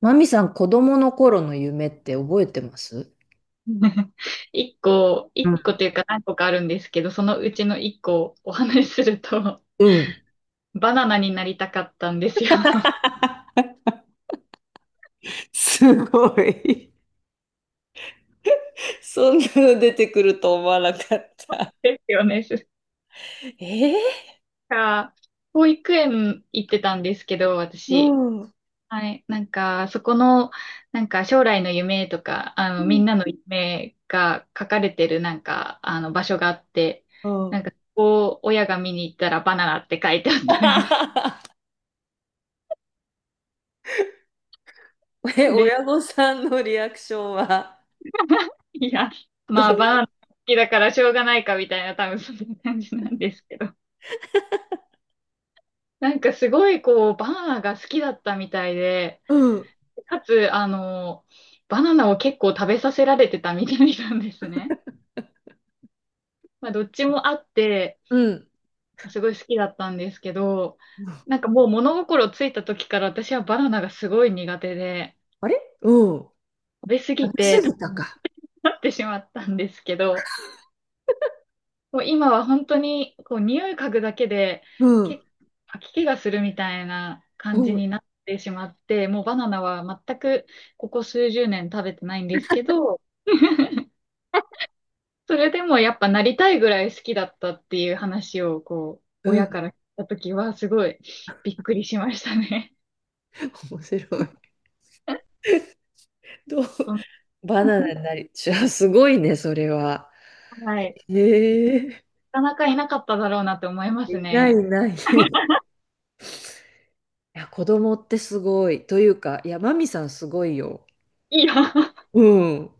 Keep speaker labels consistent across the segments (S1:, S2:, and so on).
S1: マミさん、子供の頃の夢って覚えてます？
S2: 一個、
S1: う
S2: 一個
S1: ん、
S2: というか何個かあるんですけど、そのうちの一個をお話しすると、
S1: うん。
S2: バナナになりたかったんですよ。
S1: すごい。そんなの出てくると思わなかった。
S2: ですよね。
S1: え
S2: か、保育園行ってたんですけど、
S1: ー、う
S2: 私。
S1: ん。う
S2: はい。なんか、そこの、なんか将来の夢とか、み
S1: ん。
S2: んなの夢が書かれてるなんか、場所があって、
S1: う
S2: なん
S1: ん
S2: か、ここを親が見に行ったらバナナって書いてあったみたいで、
S1: え、親御さんのリアクションは
S2: いや、
S1: どん
S2: ま
S1: な？
S2: あ、バーン好きだからしょうがないかみたいな、多分そんな感じなんですけど。なんかすごいこう、バナナが好きだったみたいで、
S1: うん。
S2: かつ、バナナを結構食べさせられてたみたいなんですね。まあ、どっちもあって、
S1: うん。
S2: すごい好きだったんですけど、なんかもう物心ついた時から私はバナナがすごい苦手で、
S1: あれ。うん。
S2: 食べ過ぎ
S1: 楽しす
S2: て
S1: ぎた
S2: 食
S1: か。
S2: べなってしまったんですけど、こう今は本当にこう匂い嗅ぐだけで
S1: うん。
S2: け吐き気がするみたいな
S1: う
S2: 感じ
S1: ん。
S2: になってしまって、もうバナナは全くここ数十年食べてないんですけど、それでもやっぱなりたいぐらい好きだったっていう話をこう
S1: うん。
S2: 親から聞いた時はすごいびっくりしましたね。
S1: 面白い。どう
S2: うん。
S1: バナナ になりじゃあすごいね、それは。
S2: はい。
S1: へえ。
S2: なかなかいなかっただろうなって思います
S1: いないい
S2: ね。
S1: ない。いや、子供ってすごい。というか、いや、マミさんすごいよ。
S2: いや、
S1: うん。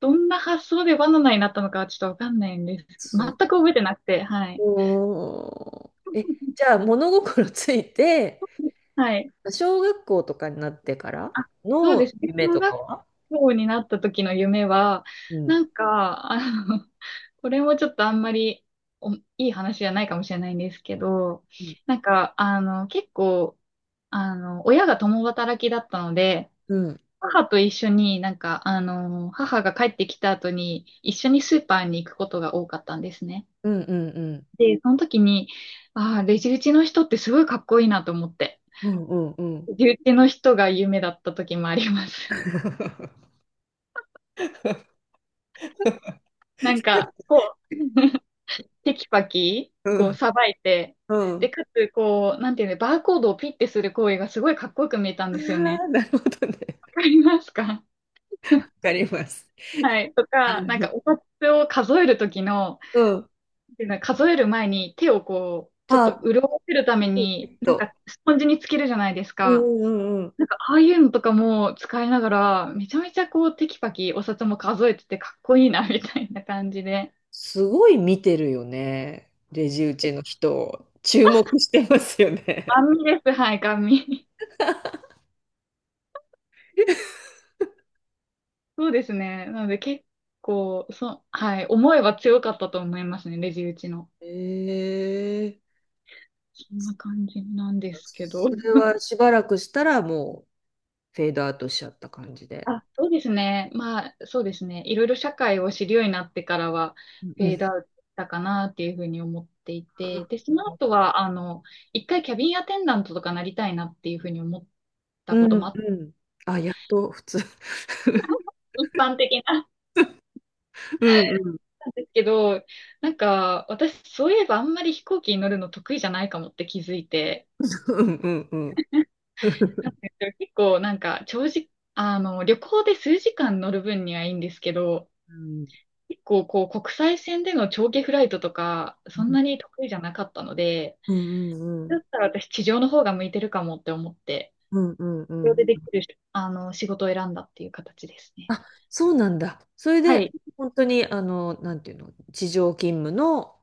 S2: どんな発想でバナナになったのかはちょっとわかんないんです。
S1: す
S2: 全く覚えてなくて、はい。
S1: ごい。え、じゃあ、物心ついて、
S2: はい。
S1: 小学校とかになってから
S2: あ、そうで
S1: の
S2: すね。
S1: 夢
S2: 小
S1: とか
S2: 学
S1: は？
S2: 校になった時の夢は、
S1: うん。
S2: なんか、の、これもちょっとあんまりおいい話じゃないかもしれないんですけど、
S1: うん。
S2: なんか、結構、親が共働きだったので、
S1: うん。
S2: 母と一緒になんか、母が帰ってきた後に一緒にスーパーに行くことが多かったんですね。
S1: うんうんうん。
S2: で、その時に、ああ、レジ打ちの人ってすごいかっこいいなと思って、
S1: うんうんうん。う
S2: レジ打ちの人が夢だった時もあります。
S1: ん
S2: なんか、こう、テキパキ、こう、
S1: う
S2: さばいて、
S1: んう
S2: で、
S1: ん。
S2: かつ、こう、なんていうの、バーコードをピッてする行為がすごいかっこよく見えたん
S1: あ
S2: ですよね。
S1: あ、なるほどね。
S2: わかりますか？
S1: わ かります。
S2: はいと
S1: あ、
S2: か、なんか、お札を数えるときの、
S1: うん。
S2: っていうのは数える前に手をこう、ちょっと
S1: あ、
S2: 潤わせるため
S1: え
S2: に、
S1: っ
S2: なん
S1: と。
S2: か、スポンジにつけるじゃないです
S1: う
S2: か。
S1: んうん。
S2: なんか、ああいうのとかも使いながら、めちゃめちゃこう、テキパキお札も数えててかっこいいな、みたいな感じで。
S1: すごい見てるよね。レジ打ちの人、注目してますよ
S2: ガ
S1: ね。
S2: ン見です、はい、ガン見。そうですね。なので結構、はい、思いは強かったと思いますね、レジ打ちの。
S1: ええ。
S2: そんな感じなんですけど。
S1: それ はしばらくしたらもうフェードアウトしちゃった感じで。
S2: あ、そうですね。まあ、そうですね。いろいろ社会を知るようになってからは、
S1: うん
S2: フ
S1: う
S2: ェードア
S1: ん
S2: ウトしたかなっていうふうに思っていて、で、
S1: う
S2: その
S1: ん。
S2: 後は、一回キャビンアテンダントとかなりたいなっていうふうに思った
S1: う
S2: こと
S1: ん
S2: もあっ
S1: うん。
S2: た。
S1: あ、やっと普通。
S2: 一般的な、
S1: うんうん
S2: なんですけど、なんか、私、そういえばあんまり飛行機に乗るの得意じゃないかもって気づいて、
S1: うんうんうん。
S2: なんですよ結構なんか長時、旅行で数時間乗る分にはいいんですけど、
S1: うん
S2: 結構こう国際線での長期フライトとか、そんなに得意じゃなかったので、
S1: うんう
S2: だ
S1: ん
S2: ったら私地上の方が向いてるかもって思って、
S1: うんうんう
S2: 地上で
S1: んう
S2: で
S1: ん。
S2: きる、仕事を選んだっていう形ですね。
S1: あ、そうなんだ。それ
S2: は
S1: で、
S2: い。
S1: 本当に、なんていうの、地上勤務の、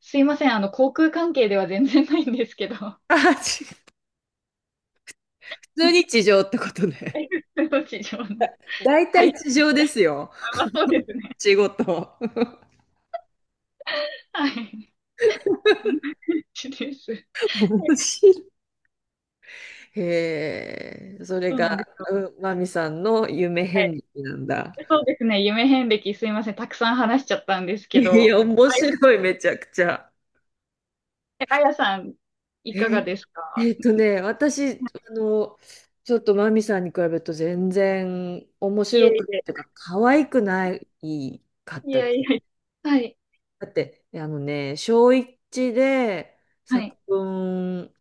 S2: すいません。航空関係では全然ないんですけど、
S1: あ、違う。普通に 地上ってことね。
S2: 地上の
S1: 大
S2: 会
S1: 体地
S2: 社
S1: 上ですよ。
S2: はそうです ね。
S1: 仕事。
S2: はい。同じです。
S1: 面白い。へえ、それ
S2: そうなんで
S1: が、
S2: すよ。
S1: うん、マミさんの夢
S2: は
S1: 遍
S2: い。
S1: 歴なんだ。
S2: そうですね。夢遍歴すいません。たくさん話しちゃったんです
S1: い
S2: け
S1: やい
S2: ど。
S1: や、面
S2: あ
S1: 白い、めちゃくちゃ。
S2: あやさん、い
S1: え
S2: かがで
S1: ー
S2: すか？
S1: 私、ちょっとマミさんに比べると全然面
S2: い
S1: 白
S2: えい
S1: くっ
S2: え。
S1: ていうか、可愛くないかっ
S2: い
S1: たで
S2: や
S1: す。
S2: いや。はい。
S1: だって、あのね、小一で
S2: は
S1: 作
S2: い。
S1: 文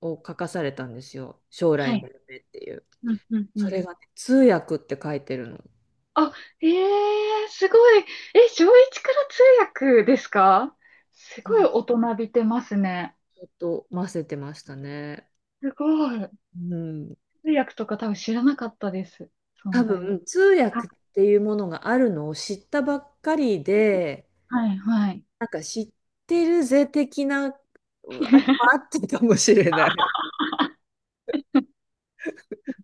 S1: を書かされたんですよ。将来
S2: は
S1: の
S2: い。
S1: 夢っていう。
S2: うん、うん、う
S1: そ
S2: ん。
S1: れがね、通訳って書いてるの。
S2: あ、ええすごい。え、小一から通訳ですか？すごい
S1: あ、
S2: 大人びてますね。
S1: ちょっと混ぜてましたね。
S2: すごい。
S1: うん。
S2: 通訳とか多分知らなかったです。
S1: 多
S2: 存在を。
S1: 分通
S2: はい、
S1: 訳っていうものがあるのを知ったばっかりで、
S2: はい、はい。
S1: なんか知ってるぜ的な、あれも あってたかもしれない。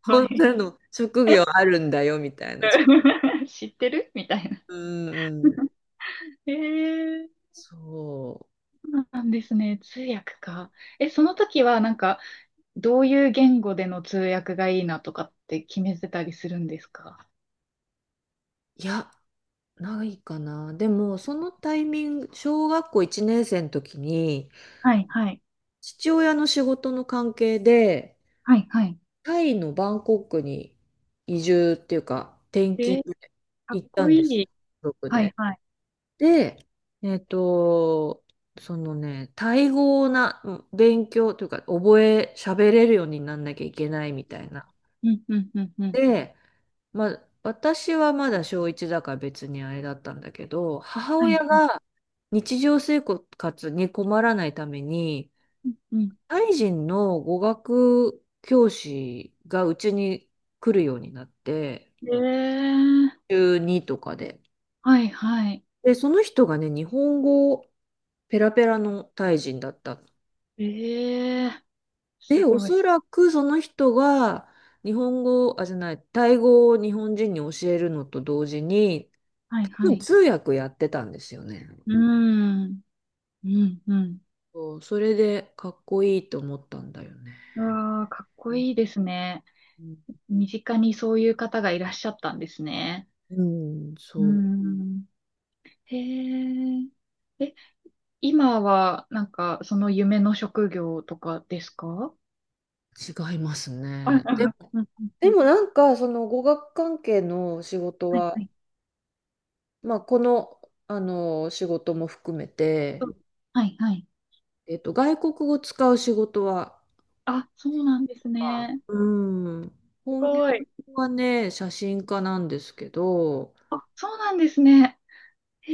S2: は
S1: こん
S2: い。
S1: なの職業あるんだよみたいな。
S2: 知ってるみたいな。
S1: うんうん。
S2: ええ。
S1: そう。
S2: そうなんですね。通訳か。え、その時はなんか、どういう言語での通訳がいいなとかって決めてたりするんですか？
S1: いや、ないかな。でも、そのタイミング、小学校1年生の時に、
S2: はい、はい。
S1: 父親の仕事の関係で、
S2: はい、はい。
S1: タイのバンコクに移住っていうか、転勤
S2: え、
S1: で
S2: かっ
S1: 行った
S2: こ
S1: ん
S2: い
S1: です。家
S2: い。
S1: 族
S2: はい、
S1: で。
S2: はい。
S1: で、えっと、そのね、タイ語をなうん勉強というか、喋れるようになんなきゃいけないみたいな。
S2: うん、うん、うん、うん。
S1: で、まあ、私はまだ小一だから別にあれだったんだけど、母
S2: は
S1: 親
S2: い。
S1: が日常生活に困らないために、
S2: うん。うん。
S1: タイ人の語学教師がうちに来るようになって、
S2: えー、
S1: 中2とかで。
S2: はい、はい。
S1: で、その人がね、日本語ペラペラのタイ人だったの。
S2: えー、す
S1: で、お
S2: ご
S1: そ
S2: い。
S1: らくその人が日本語、あ、じゃない、タイ語を日本人に教えるのと同時に、
S2: はい、
S1: 多
S2: は
S1: 分
S2: い。
S1: 通訳やってたんですよね。
S2: うーん、うん、うん。
S1: そう、それでかっこいいと思ったんだよね。
S2: うわあ、かっこ
S1: う
S2: いいですね。
S1: ん、
S2: 身近にそういう方がいらっしゃったんですね。
S1: うん。
S2: うー
S1: そ
S2: ん。へえ。え、今は、なんか、その夢の職業とかですか？
S1: う、違います
S2: うんう
S1: ね。
S2: んうんう
S1: で
S2: ん。
S1: もなんかその語学関係の仕事
S2: うんはい
S1: は、
S2: はい。
S1: まあ、この、あの仕事も含め
S2: そ
S1: て、
S2: うはいはい。
S1: 外国語使う仕事は、
S2: あ、そうなんです
S1: あ、
S2: ね。
S1: うん、
S2: す
S1: 本業
S2: ごい。
S1: はね写真家なんですけど、
S2: あ、そうなんですね。へ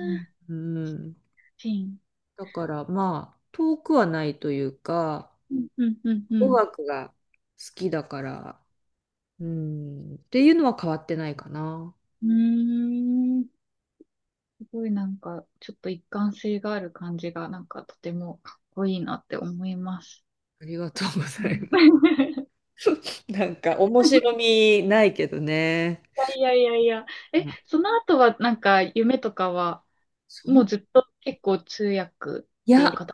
S1: うん、うん。
S2: シン。
S1: だからまあ遠くはないというか
S2: うんうんうんう
S1: 語
S2: ん。
S1: 学が好きだから、うん、っていうのは変わってないかな。
S2: うーん。すごいなんか、ちょっと一貫性がある感じが、なんかとてもかっこいいなって思います。
S1: ありがとうご
S2: う
S1: ざい
S2: ん。
S1: ま す。なんか面白みないけどね。
S2: いやいやいやいや。え、
S1: あ
S2: その後はなんか夢とかは
S1: そ
S2: もう
S1: の、
S2: ずっと結構通訳
S1: いや、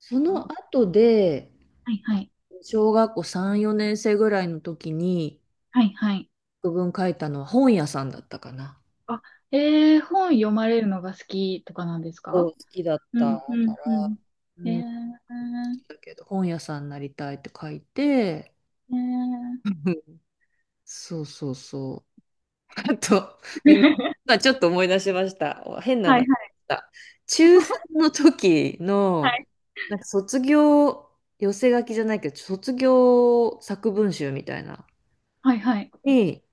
S1: そ
S2: かは、
S1: の後で、
S2: いはい。
S1: 小学校3、4年生ぐらいの時に、
S2: はいはい。
S1: 作文書いたのは本屋さんだったかな。
S2: あ、えー、本読まれるのが好きとかなんです
S1: そう
S2: か？
S1: 好きだっ
S2: う
S1: たか
S2: んうんう
S1: ら、
S2: ん。
S1: う
S2: え
S1: ん、
S2: ー、
S1: だけど、本屋さんになりたいって書いて、
S2: えー、
S1: うん、そうそうそう。あと、今、今ちょっと思い出しました。変な
S2: は
S1: のあ
S2: い
S1: っ
S2: はい
S1: た。中3の時の、
S2: は
S1: なんか卒業、寄せ書きじゃないけど、卒業作文集みたいな、
S2: いはい。
S1: に、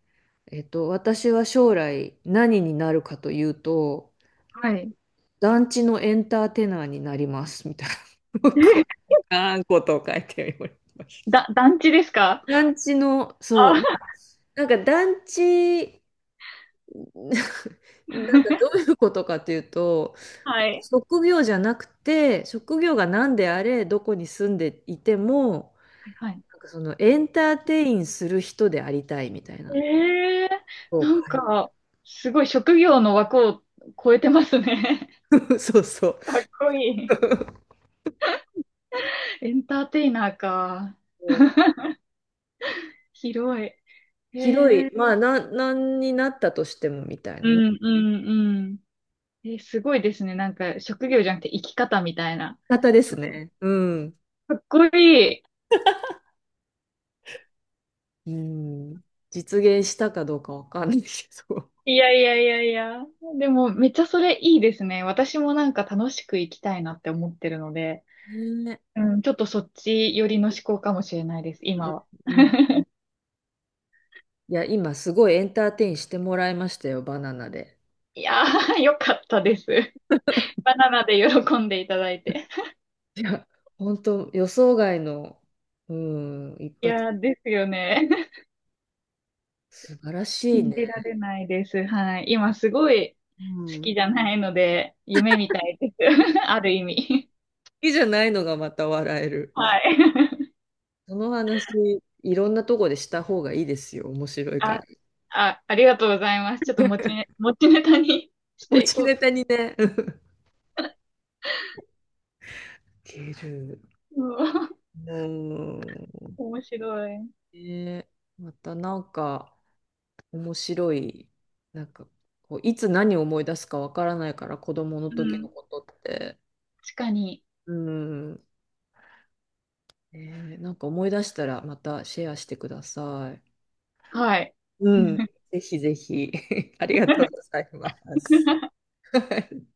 S1: 私は将来何になるかというと、
S2: はい。はい。
S1: 団地のエンターテイナーになります、みたいな。僕は あんことを書いておりました。
S2: 団地ですか？
S1: 団地の、そう、
S2: あ、
S1: なんか団地、なんかどう いうことかというと、
S2: はい。
S1: 職業じゃなくて、職業が何であれ、どこに住んでいても、
S2: はいはい。
S1: なんかそのエンターテインする人でありたいみたいな。
S2: えー、
S1: そう
S2: なん
S1: 書い
S2: か、すごい職業の枠を超えてますね。
S1: て そうそう。
S2: かっこいい。エンターテイナーか。広い。
S1: 広い、まあ、なんになったとしてもみたい
S2: う
S1: なね。
S2: んうんうん。え、すごいですね。なんか、職業じゃなくて生き方みたいな。
S1: 方です
S2: そ、
S1: ね。うん。
S2: かっこいい。
S1: うん。実現したかどうかわかんないけど。
S2: いやいやいやいや。でも、めっちゃそれいいですね。私もなんか楽しく生きたいなって思ってるので、
S1: ね。
S2: うん、ちょっとそっち寄りの思考かもしれないです、
S1: う
S2: 今は。
S1: んうん。いや、今すごいエンターテインしてもらいましたよ、バナナで。
S2: いやー、よかったです。バナナで喜んでいただいて。
S1: いや、本当予想外の、うん、一
S2: い
S1: 発、
S2: やー、ですよね。
S1: 素晴らしい
S2: 信じ
S1: ね。
S2: られないです。はい。今すごい
S1: う
S2: 好
S1: ん。好
S2: きじゃないので、夢みたいです。ある意味。
S1: きじゃないのがまた笑える。
S2: はい。
S1: その話、いろんなとこでした方がいいですよ、面白いか
S2: あ、
S1: ら。
S2: あ、ありがとうございます。ちょっと持ちネタに し
S1: 持
S2: てい
S1: ち
S2: こ
S1: ネタ
S2: う。
S1: にね。うん いける。
S2: うん。
S1: うん。
S2: 面白い。
S1: ね、またなんか面白い、なんかこういつ何を思い出すかわからないから子供の
S2: う
S1: 時の
S2: ん。
S1: ことって。
S2: 確かに。
S1: うん。ね、なんか思い出したらまたシェアしてください。
S2: はい。
S1: うん。ぜひぜひ。ありがとうございます。はい。